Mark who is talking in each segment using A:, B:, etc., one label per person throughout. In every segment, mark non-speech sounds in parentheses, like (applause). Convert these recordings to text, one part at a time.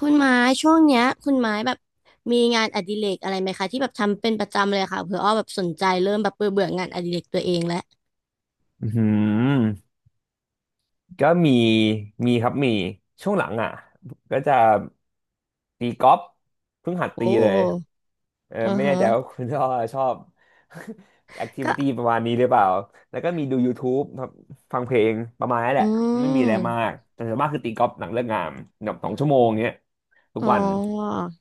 A: คุณไม้ช่วงเนี้ยคุณไม้แบบมีงานอดิเรกอะไรไหมคะที่แบบทำเป็นประจำเลยค่ะเผื่ออ้อแบบสนใจเริ่มแบบเบื่อเบื่องานอดิเรกตัวเองแล้ว
B: อืมก็มีครับมีช่วงหลังอ่ะก็จะตีกอล์ฟเพิ่งหัด
A: โอ
B: ตีเลย
A: ้
B: เออ
A: อือ
B: ไม่แน่
A: ฮะ
B: ใจว่าคุณชอบชอบ (laughs) แอคทิวิ
A: ก็
B: ตี้ประมาณนี้หรือเปล่าแล้วก็มีดู YouTube ครับฟังเพลงประมาณนั้นแห
A: อื
B: ละไม่มีอะไรมา
A: ม
B: กแต่ส่วนมากคือตีกอล์ฟหลังเลิกงานแบบ2 ชั่วโมงเงี้ยทุก
A: อ๋อ
B: วัน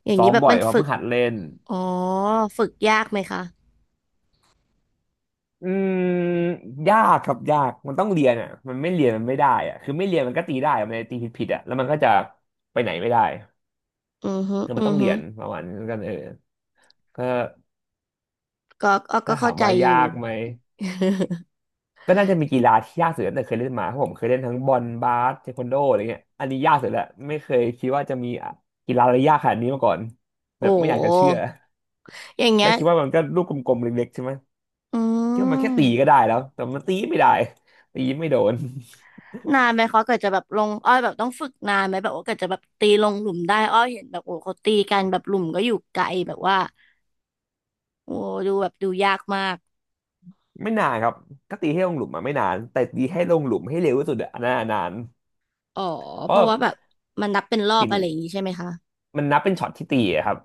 A: อย่าง
B: ซ้อ
A: นี้
B: ม
A: แบบ
B: บ่อย
A: มัน
B: เพราะ
A: ฝึ
B: เพิ่
A: ก
B: งหัดเล่น
A: อ๋อฝึกยากไหมคะ
B: อืมยากครับยากมันต้องเรียนอ่ะมันไม่เรียนมันไม่ได้อ่ะคือไม่เรียนมันก็ตีได้อะมันจะตีผิดอ่ะแล้วมันก็จะไปไหนไม่ได้
A: อือฮึ
B: คือ
A: อื
B: มันต้อ
A: อ
B: งเรี
A: ฮึ
B: ยนประมาณนั้นกันเออก็
A: ก็อ้อก็
B: ถ้าถา
A: เข้า
B: ม
A: ใจ
B: ว่า
A: อ
B: ยา
A: ยู่
B: กไหม
A: (laughs)
B: ก็น่าจะมีกีฬาที่ยากสุดตั้งแต่เคยเล่นมาเพราะผมเคยเล่นทั้งบอลบาสเทควันโดอะไรเงี้ยอันนี้ยากสุดแหละไม่เคยคิดว่าจะมีกีฬาอะไรยากขนาดนี้มาก่อนแบ
A: โอ้
B: บไม่อยากจะเชื่อ
A: อย่างเงี้
B: และ
A: ย
B: คิดว่ามันก็ลูกกลมๆเล็กๆใช่ไหม
A: อื
B: คิดว่ามันแค่ตีก็
A: ม
B: ได้แล้วแต่มันตีไม่ได้ตีไม่โดน
A: นานไหมเขาเกิดจะแบบลงอ้อยแบบต้องฝึกนานไหมแบบว่าเกิดจะแบบตีลงหลุมได้อ้อยเห็นแบบโอ้เขาตีกันแบบหลุมก็อยู่ไกลแบบว่า โอ้ดูแบบดูยากมาก
B: ไม่นานครับก็ตีให้ลงหลุมมาไม่นานแต่ตีให้ลงหลุมให้เร็วที่สุดอะอันนั้นอะนาน
A: อ๋อ
B: เพ
A: เพ
B: ราะ
A: ราะว่าแบบมันนับเป็นรอบ
B: ติน
A: อะไรอย่างนี้ใช่ไหมคะ
B: มันนับเป็นช็อตที่ตีอะครับ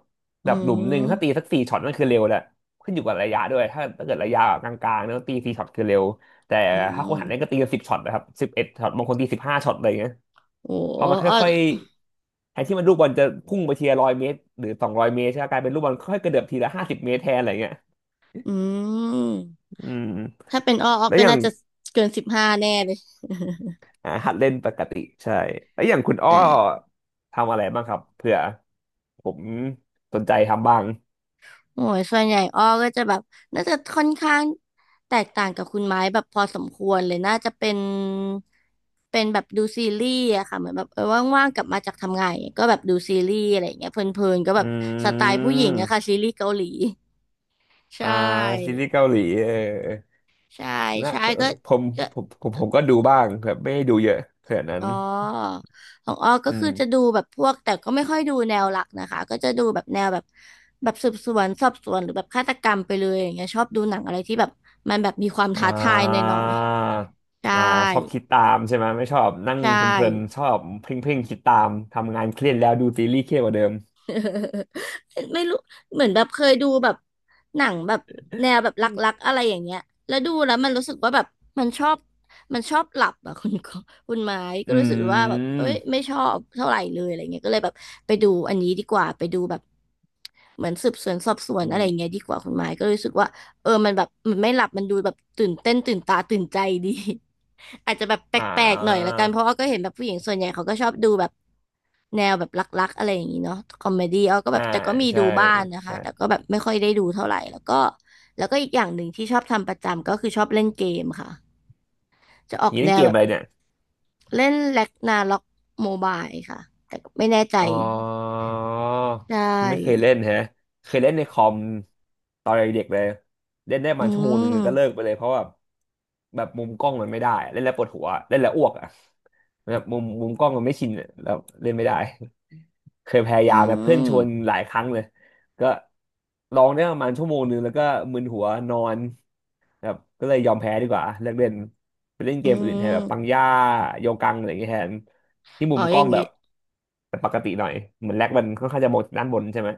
A: อื
B: แบบหลุมหนึ่งถ้า
A: ม
B: ตีสักสี่ช็อตนั่นคือเร็วแหละขึ้นอยู่กับระยะด้วยถ้าเกิดระยะกลางๆเนี่ยตีสี่ช็อตคือเร็วแต่
A: อื
B: ถ้าคนหันเล่นก็
A: ม
B: ตีกัน10 ช็อตนะครับ11 ช็อตบางคนตี15 ช็อตอะไรอย่างเงี้ย
A: โอ้
B: พอมัน
A: อ้อ
B: ค่อยๆแทนที่มันลูกบอลจะพุ่งไปทีละร้อยเมตรหรือ200 เมตรใช่ไหมกลายเป็นลูกบอลค่อยๆกระเดือบทีละ50 เมตรแทนอะไรอย่างเงี้ย
A: อืม
B: อืม
A: ถ้าเป็นอ้ออ้อ
B: แล้ว
A: ก็
B: อย่าง
A: น่าจะเกินสิบห้าแน่เลย (laughs)
B: อ่าหัดเล่นปกติใช่แล้วอย่างคุณอ้อ
A: แต่
B: ทำอะไรบ้างครับเผื่อผมสนใจทำบ้าง
A: โอ้ยส่วนใหญ่อ้อก็จะแบบน่าจะค่อนข้างแตกต่างกับคุณไม้แบบพอสมควรเลยน่าจะเป็นเป็นแบบดูซีรีส์อะค่ะเหมือนแบบเออว่างๆกลับมาจากทำงานอย่างเงี้ยก็แบบดูซีรีส์อะไรอย่างเงี้ยเพลินๆก็แบ
B: อื
A: บสไตล์ผู้หญิงอะค่ะ
B: ม
A: ซีรีส์เกาหลี ใช
B: อ่าซี
A: ่
B: รีส์เกาหลีเออ
A: ใช่
B: นะ
A: ใช่
B: เออ
A: ก็
B: ผม
A: ก็
B: ผมก็ดูบ้างแบบไม่ได้ดูเยอะขนาดนั้
A: อ๋
B: น
A: อของออก็
B: อืม
A: คือจะดูแบบพวกแต่ก็ไม่ค่อยดูแนวหลักนะคะ ก็จะดูแบบแนวแบบแบบสืบสวนสอบสวนหรือแบบฆาตกรรมไปเลยอย่างเงี้ยชอบดูหนังอะไรที่แบบมันแบบมีความ
B: อ่
A: ท้าทายห
B: า
A: น่อยๆ ใช่
B: อ่าชอบคิดตามใช่ไหมไม่ชอบนั่ง
A: ใช่
B: เพลินๆชอบเพ่งๆคิดตามทำงานเครียดแล้วดูซีรีส์เครียดกว่าเดิม
A: (laughs) ไม่รู้เหมือนแบบเคยดูแบบหนังแบบแนวแบบรักๆอะไรอย่างเงี้ยแล้วดูแล้วมันรู้สึกว่าแบบมันชอบมันชอบหลับอะ (laughs) คุณไม้ก็
B: อื
A: รู้สึกว่าแบบเอ้ย
B: ม
A: ไม่ชอบเท่าไหร่เลยอะไรเงี้ยก็เลยแบบไปดูอันนี้ดีกว่าไปดูแบบเหมือนสืบสวนสอบสวน
B: อื
A: อะไรเงี้
B: ม
A: ยดีกว่าคุณไม้ก็รู้สึกว่าเออมันแบบมันไม่หลับมันดูแบบตื่นเต้นตื่นตาตื่นใจดี อาจจะแบบแป
B: อ่า
A: ลกๆหน่อยละกันเพราะอ้อก็เห็นแบบผู้หญิงส่วนใหญ่เขาก็ชอบดูแบบแนวแบบรักๆอะไรอย่างนี้เนาะคอมเมดี้อ้อก็แบ
B: อ่า
A: บแต่ก็มี
B: ใช่
A: ดูบ้างนะคะ
B: ใช่
A: แต่ก็แบบไม่ค่อยได้ดูเท่าไหร่แล้วก็แล้วก็อีกอย่างหนึ่งที่ชอบทำประจำก็คือชอบเล่นเกมค่ะจะออก
B: นี่เล่
A: แน
B: นเก
A: ว
B: ม
A: แบ
B: อะ
A: บ
B: ไรเนี่ย
A: เล่นแร็กนาร็อกโมบายค่ะแต่ก็ไม่แน่ใจ
B: อ๋อ
A: ใช่
B: ไม่เคยเล่นแฮะเคยเล่นในคอมตอนเด็กๆเลยเล่นได้ประ
A: อื
B: มันชั่วโมงหนึ่งก็เลิ
A: ม
B: กไปเลยเพราะว่าแบบมุมกล้องมันไม่ได้ เล่นแล้วปวดหัวเล่นแล้วอ้วกอ่ะแบบมุมกล้องมันไม่ชินอะแล้วเล่นไม่ได้ (laughs) เคยพยา
A: อื
B: ยามนะเพื่อน
A: ม
B: ชวนหลายครั้งเลยก็ลองได้ประมาณชั่วโมงหนึ่งแล้วก็มึนหัวนอนแบบก็เลยยอมแพ้ดีกว่าเลิกเล่น ไปเล่นเก
A: อื
B: มอื่นแทนแบบปัง
A: ม
B: ย่าโยกังอะไรอย่างเงี้ยแทนที่มุ
A: อ๋อ
B: มก
A: อ
B: ล้อ
A: ย่า
B: ง
A: ง
B: แบ
A: งี้
B: บแต่ปกติหน่อยเหมือนแลกมันค่อนข้างจะมองด้านบนใช่ไหม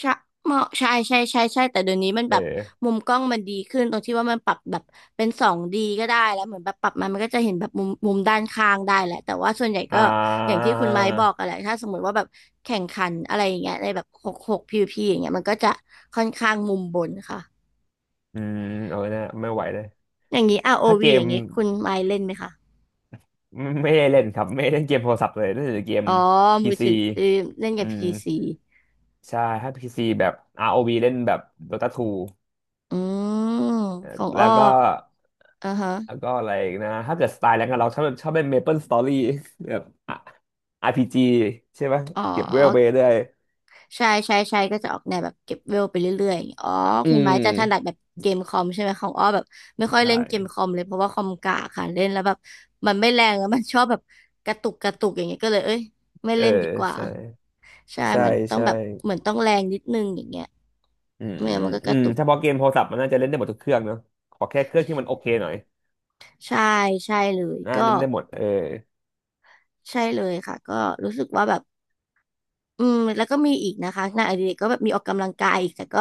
A: ใช่เหมาะใช่ใช่ใช่ใช่แต่เดี๋ยวนี้มัน
B: เอ
A: แบบ
B: อ
A: มุมกล้องมันดีขึ้นตรงที่ว่ามันปรับแบบเป็นสองดีก็ได้แล้วเหมือนแบบปรับมามันก็จะเห็นแบบมุมด้านข้างได้แหละแต่ว่าส่วนใหญ่
B: อ่
A: ก็อย่าง
B: า
A: ที่คุณไม้บอกอะแหละถ้าสมมติว่าแบบแข่งขันอะไรอย่างเงี้ยในแบบหกหกพีวีพีอย่างเงี้ยมันก็จะค่อนข้างมุมบนค่ะ
B: อืมเอาไนะไม่ไหวเลย
A: อย่างนี้ r ์โอ
B: ถ้าเก
A: วีอ
B: ม
A: ย่างงี้คุณไม้เล่นไหมคะ
B: ไม่ได้เล่นครับไม่ได้เล่นเกมโทรศัพท์เลยเล่นแต่เกม
A: อ๋อ
B: พี
A: มือ
B: ซี
A: ถือเออเล่น
B: อื
A: กับ
B: ม
A: p ีซี
B: ใช่ถ้าพีซีแบบ ROV เล่นแบบ Dota 2
A: อืม
B: เอ่อ
A: ของ
B: แล้
A: อ้อ
B: วก็
A: อ่าฮะ
B: แล้วก็อะไรอีกนะถ้าเกิดสไตล์แรงกับเราชอบชอบเล่นเมเปิลสตอรี่แบบอ่ะRPG ใช่ไหม
A: อ๋อ
B: เก็บเวลไปเรื่อย
A: ใช่ใช่ใช่ก็จะออกแนวแบบเก็บเวลไปเรื่อยๆอย่างเงี้ยอ๋อ
B: อื
A: คุณไม้จะถนัด
B: ม
A: แบบเกมคอมใช่ไหมของอ้อแบบไม่ค่
B: ใ
A: อยเล่นเกม
B: ช่
A: คอมเลยเพราะว่าคอมกากค่ะเล่นแล้วแบบมันไม่แรงแล้วมันชอบแบบกระตุกอย่างเงี้ยก็เลยเอ้ยไม่
B: เออ
A: เล่นดีกว่า
B: ใช่
A: ใช่
B: ใช่
A: มันต้อง
B: ใช่
A: แบบเหมือนต้องแรงนิดนึงอย่างเงี้ย
B: อืม
A: ไม่งั้นมันก็กระตุก
B: ถ้าพอเกมโทรศัพท์มันน่าจะเล่นได้หมดทุกเครื่องเนอะขอแค่เครื่องที่มันโอเคหน่อย
A: ใช่ใช่เลย
B: น่า
A: ก็
B: เล่นได้หมดเออ
A: ใช่เลยค่ะก็รู้สึกว่าแบบอืมแล้วก็มีอีกนะคะงานอดิเรกก็แบบมีออกกำลังกายอีกแต่ก็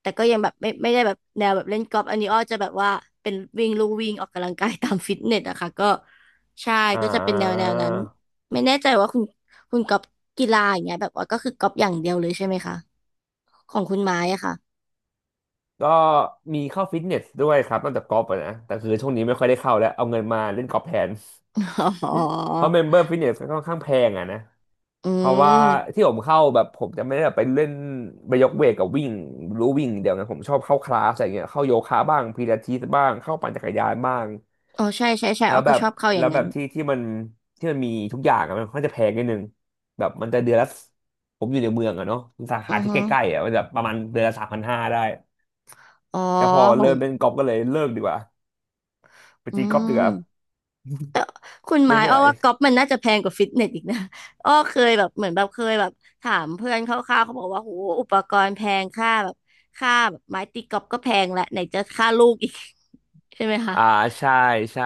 A: แต่ก็ยังแบบไม่ได้แบบแนวแบบเล่นกอล์ฟอันนี้อ้อจะแบบว่าเป็นวิ่งลู่วิ่งออกกำลังกายตามฟิตเนสอะค่ะก็ใช่
B: อ่
A: ก็จะเป็นแนวแน
B: า
A: วนั้นไม่แน่ใจว่าคุณกอล์ฟกีฬาอย่างเงี้ยแบบว่าก็คือกอล์ฟอย่างเดียวเลยใช่ไหมคะของคุณไม้อะค่ะ
B: ก็มีเข้าฟิตเนสด้วยครับนอกจากกอล์ฟอะนะแต่คือช่วงนี้ไม่ค่อยได้เข้าแล้วเอาเงินมาเล่นกอล์ฟแทน
A: (laughs) อ๋อ
B: เพราะเมมเบอร์ฟิตเนสก็ค่อนข้างแพงอ่ะนะ
A: อื
B: เพราะว่า
A: ม
B: ที่ผมเข้าแบบผมจะไม่ได้แบบไปเล่นไปยกเวทกับวิ่งรู้วิ่งเดี๋ยวนะผมชอบเข้าคลาสอะไรเงี้ยเข้าโยคะบ้างพิลาทิสบ้างเข้าปั่นจักรยานบ้าง
A: อ๋อใช่ใช่ใช่
B: แล้
A: อ้
B: ว
A: อ
B: แบ
A: ก็
B: บ
A: ชอบเข้าอ
B: แล้
A: ย่า
B: ว
A: ง
B: แบ
A: นั้น
B: บที่มันที่มันมีทุกอย่างอะมันก็จะแพงนิดนึงแบบมันจะเดือนละผมอยู่ในเมืองอะเนาะสา
A: อื
B: ขา
A: อ
B: ที่
A: ฮึ
B: ใกล้ๆอะมันจะประมาณเดือนละ3,500ได้
A: อ๋อ
B: แต่พอ
A: ขอ
B: เริ่
A: ง
B: มเล่นกอล์ฟก็เลยเลิกดีกว่าไป
A: อื
B: ตีกอล์ฟดีกว่า
A: ม คุณไม้
B: ไม่
A: อ้อ
B: ไหว
A: ว่าก๊อปมันน่าจะแพงกว่าฟิตเนสอีกนะ (laughs) อ้อเคยแบบเหมือนแบบเคยแบบถามเพื่อนคร่าวๆเขาบอกว่าโหอุปกรณ์แพงค่าแบบค่าแบบไม้ตีก๊อปก็แพงและไหนจะค่าลูกอีก (laughs) ใช่ไหมคะ
B: อ่าใช่ใช่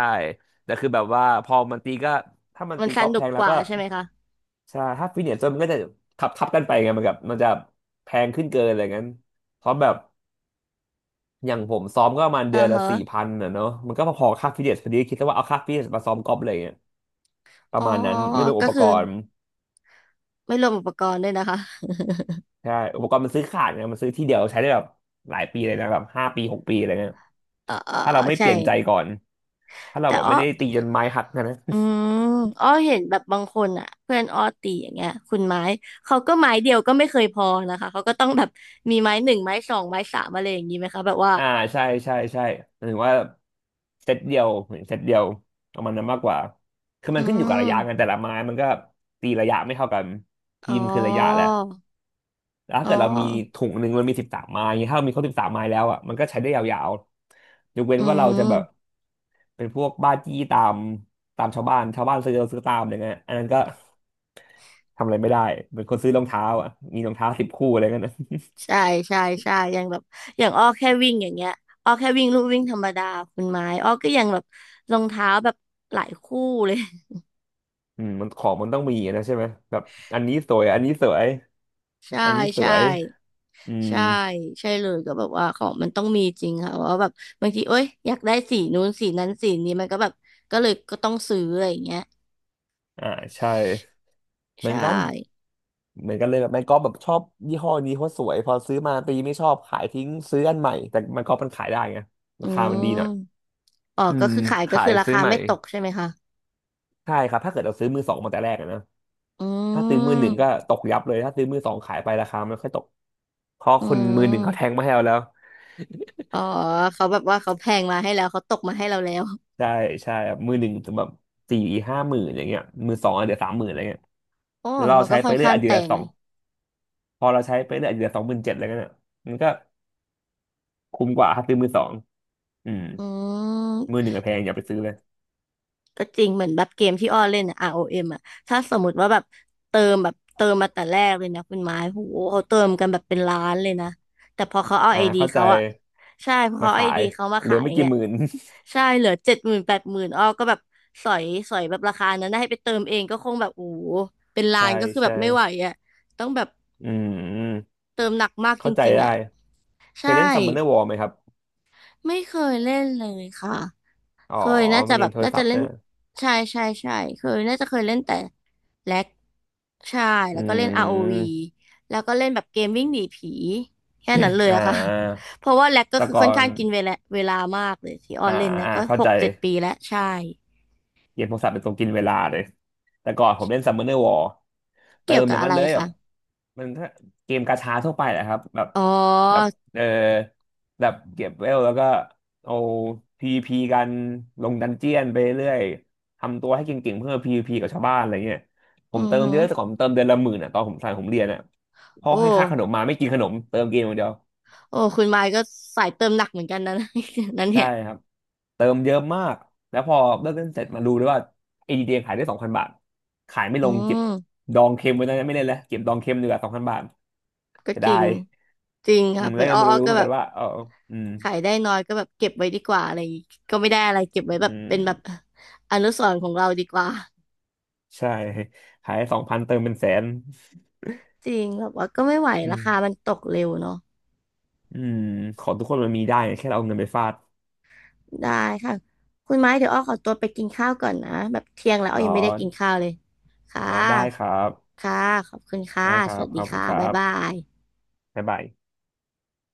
B: แต่คือแบบว่าพอมันตีก็ถ้ามัน
A: มัน
B: ตี
A: ส
B: กอล์ฟแพ
A: นุก
B: ง
A: ก
B: แล้ว
A: ว่า
B: ก็
A: ใช่ไหมคะ
B: ใช่ถ้าฟิตเนสมันก็จะขับทับกันไปไงมันกับมันจะแพงขึ้นเกินอะไรงั้นเพราะแบบอย่างผมซ้อมก็ประมาณ
A: เอ
B: เดื
A: อ
B: อนละ
A: ฮะ
B: สี่พันอ่ะเนาะมันก็พอๆค่าฟิตเนสพอดีคิดซะว่าเอาค่าฟิตเนสมาซ้อมกอล์ฟเลยเนี่ยป
A: อ๋
B: ระ
A: อ
B: มาณนั้นไม่รวมอุ
A: ก็
B: ปก
A: คือ
B: รณ์
A: ไม่รวมอุปกรณ์ด้วยนะคะ
B: ใช่อุปกรณ์มันซื้อขาดไงมันซื้อที่เดียวใช้ได้แบบหลายปีเลยนะแบบห้าปีหกปีอะไรเงี้ย
A: (laughs) เออเออ
B: ถ้า
A: เออ
B: เราไม่เป
A: ใช่
B: ลี่ยนใจก่อนถ้าเรา
A: แต่
B: แบบ
A: อ้อ
B: ไม่ได้ตีจนไม้หักนะ
A: อืมอ้อเห็นแบบบางคนอ่ะเพื่อนอ้อตีอย่างเงี้ยคุณไม้เขาก็ไม้เดียวก็ไม่เคยพอนะคะ เขาก็ต้องแบบมีไม้หนึ่งไม้สองไม้สามอะไรอย่างนี้ไหมคะแบบว่า
B: อ่าใช่ใช่ใช่หมายถึงว่าเซตเดียวเหมือนเซตเดียวประมาณนั้นมากกว่าคือมั
A: อื
B: นขึ้นอยู่กับระยะกัน
A: ม
B: แต่ละไม้มันก็ตีระยะไม่เท่ากันที
A: อ๋
B: มคือระยะแห
A: อ
B: ละแล้วถ้า
A: อ๋อ
B: เกิดเรามีถุงหนึ่งมันมีสิบสามไม้อย่างเงี้ยถ้าเรามีครบสิบสามไม้แล้วอ่ะมันก็ใช้ได้ยาวๆยกเว้น
A: อื
B: ว่าเราจะแบบ
A: ม
B: เป็นพวกบ้าจี้ตามชาวบ้านชาวบ้านซื้อเราซื้อตามอะไรเงี้ยอันนั้นก็ทำอะไรไม่ได้เป็นคนซื้อรองเท้าอ่ะมีรองเท้าสิบคู่อะไรเงี้ยนะ
A: ใช่ใช่ใช่อย่างแบบอย่างอ้อแค่วิ่งอย่างเงี้ยอ้อแค่วิ่งลู่วิ่งธรรมดาคุณไม้อ้อก็ยังแบบรองเท้าแบบหลายคู่เลย
B: อืมมันของมันต้องมีอะนะใช่ไหมแบบอันนี้สวยอันนี้สวย
A: ใช่
B: อันนี้ส
A: ใช่
B: วยอืม
A: ใช่ใช่เลยก็แบบว่าของมันต้องมีจริงค่ะเพราะว่าแบบบางทีเอ้ยอยากได้สีนู้นสีนั้นสีนี้มันก็แบบก็เลยก็ต้องซื้ออะไรอย่างเงี้ย
B: อ่าใช่เหมือ
A: ใช่
B: นกันเหมือนกันเลยแบบไม้กอล์ฟแบบชอบยี่ห้อนี้เพราะสวยพอซื้อมาตีไม่ชอบขายทิ้งซื้ออันใหม่แต่ไม้กอล์ฟมันขายได้ไงรา
A: อื
B: คามันดีหน่อย
A: มอ๋อ
B: อื
A: ก็
B: ม
A: คือขายก็
B: ขา
A: คื
B: ย
A: อรา
B: ซื้อ
A: คา
B: ใหม่
A: ไม่ตกใช่ไหมคะ
B: ใช่ครับถ้าเกิดเราซื้อมือสองมาแต่แรกอะนะ
A: อื
B: ถ้าซื้อมือหนึ่งก็
A: ม
B: ตกยับเลยถ้าซื้อมือสองขายไปราคามันค่อยตกเพราะ
A: อื
B: คนมือหนึ่งเขาแทง
A: ม
B: มาให้เราแล้ว
A: อ๋อเขาแบบว่าเขาแพงมาให้แล้วเขาตกมาให้เราแล้ว
B: ใช่ใช่ครับมือหนึ่งแบบสี่ห้าหมื่นอย่างเงี้ยมือสองอเดี๋ยวสามหมื่นอะไรเงี้ย
A: อ๋อ
B: แล้วเรา
A: มันก็
B: ใช้
A: ค่
B: ไป
A: อน
B: เรื่อย
A: ข้าง
B: อะเจื
A: แตก
B: สอ
A: เล
B: ง
A: ย
B: พอเราใช้ไปเรื่อยอาจจะเหลือสองหมื่นเจ็ดอะไรเงี้ยน่ะมันก็คุ้มกว่าถ้าซื้อมือสองอืม
A: อื
B: มื
A: ม
B: อหนึ่งอะแพงอย่าไปซื้อเลย
A: ก็จริงเหมือนแบบเกมที่อ้อเล่นอะ ROM อเอ็มอะถ้าสมมติว่าแบบเติมแบบเติมมาแต่แรกเลยนะคุณไม้โหเขาเติมกันแบบเป็นล้านเลยนะแต่พอเขาเอา
B: อ่า
A: ไอดี
B: เข้าใจ
A: เขาอะใช่พอ
B: มา
A: เขาไอ
B: ขาย
A: ดีเขามา
B: เหลื
A: ขา
B: อ
A: ยอ
B: ไม่
A: ย่าง
B: กี่
A: เงี้ย
B: หมื่น
A: ใช่เหลือเจ็ดหมื่นแปดหมื่นอ้อก็แบบสอยสอยแบบราคานั้นนะให้ไปเติมเองก็คงแบบโอ้โหเป็น
B: (laughs)
A: ล้า
B: ใช่
A: นก็คือแบ
B: ใช่
A: บไม่ไหวอะต้องแบบ
B: อืม
A: เติมหนักมากจ
B: เข้าใจ
A: ริงๆ
B: ได้
A: อะ
B: เคย
A: ใช่
B: เล่นซัมเนอร์วอไหมครับ
A: ไม่เคยเล่นเลยค่ะ
B: อ๋อ
A: เคยน่าจะ
B: เมื่อ
A: แบ
B: กี้
A: บ
B: โทร
A: น่า
B: ศั
A: จะ
B: พท์
A: เล่น
B: นะ
A: ใช่ใช่ใช่เคยน่าจะเคยเล่นแต่แล็กใช่
B: อื
A: แล้วก็เล่น ROV
B: ม
A: แล้วก็เล่นแบบเกมวิ่งหนีผีแค่นั้นเล
B: (coughs)
A: ย
B: อ่
A: อะค่ะ
B: า
A: (laughs) เพราะว่าแล็กก็
B: แต่
A: คือ
B: ก่อ
A: ค่อน
B: น
A: ข้างกินเวลามากเลยที่ออ
B: อ่า
A: นเล่นนะ
B: อ่า
A: ก็
B: เข้า
A: ห
B: ใจ
A: กเจ็ดปีแล้วใช่
B: เกมโทรศัพท์เป็นตัวกินเวลาเลยแต่ก่อนผมเล่น Summoner War เติ
A: เกี่ย
B: ม
A: ว
B: อ
A: กับ
B: ย่าง
A: อะ
B: นั้น
A: ไร
B: เลยแบ
A: คะ
B: บมันถ้าเกมกาชาทั่วไปแหละครับแบบ
A: อ๋อ
B: แบบเออแบบเก็บเวลแล้วก็เอาพีวีพีกันลงดันเจียนไปเรื่อยทำตัวให้เก่งๆเพื่อพีวีพีกับชาวบ้านอะไรเงี้ยผ
A: อื
B: ม
A: อ
B: เติม
A: ฮึ
B: เยอะแต่ก่อนผมเติมเดือนละหมื่นอ่ะตอนผมสายผมเรียนอ่ะพ่อ
A: โอ้
B: ให้ค่าขนมมาไม่กินขนมเติมเกมอย่างเดียว
A: โอ้คุณมายก็สายเติมหนักเหมือนกันนะ (laughs) นั้น
B: ใช่
A: เนี่ย
B: ครับเติมเยอะมากแล้วพอเลิกเล่นเสร็จมาดูด้วยว่า ADD ขายได้สองพันบาทขายไม่ล
A: อื
B: งเก็บ
A: ม
B: ดองเค็มไว้ตอนนั้นไม่เล่นแล้วเก็บดองเค็มดีกว่าสองพันบาท
A: ก็
B: เสีย
A: จ
B: ดา
A: ริง
B: ย
A: จริง
B: อื
A: ค่ะ
B: มแล้
A: เป็
B: ว
A: น
B: ก็
A: อ้อ
B: มา
A: อ้อ
B: รู้
A: ก็
B: เหมือน
A: แบ
B: กั
A: บ
B: นว่าเอออืม
A: ขายได้น้อยก็แบบเก็บไว้ดีกว่าอะไรอย่างงี้ก็ไม่ได้อะไรเก็บไว้
B: อื
A: แบบ
B: ม
A: เป็นแบบอนุสรณ์ของเราดีกว่า
B: ใช่ขายสองพันเติมเป็นแสน
A: จริงแบบว่าก็ไม่ไหว
B: อื
A: รา
B: ม
A: คามันตกเร็วเนาะ
B: อืมของทุกคนมันมีได้ไงแค่เราเอาเงินไปฟาด
A: ได้ค่ะคุณไม้เดี๋ยวอ้อขอตัวไปกินข้าวก่อนนะแบบเที่ยงแล้วอ้อ
B: อ๋อ
A: ยังไม่ได้กินข้าวเลยค่ะ
B: อาได้ครับ
A: ค่ะขอบคุณค่ะ
B: ได้ครั
A: ส
B: บ
A: วัส
B: ข
A: ดี
B: อบคุณ
A: ค่ะ
B: ครั
A: บ๊ายบา
B: บ
A: ย
B: บ๊ายบาย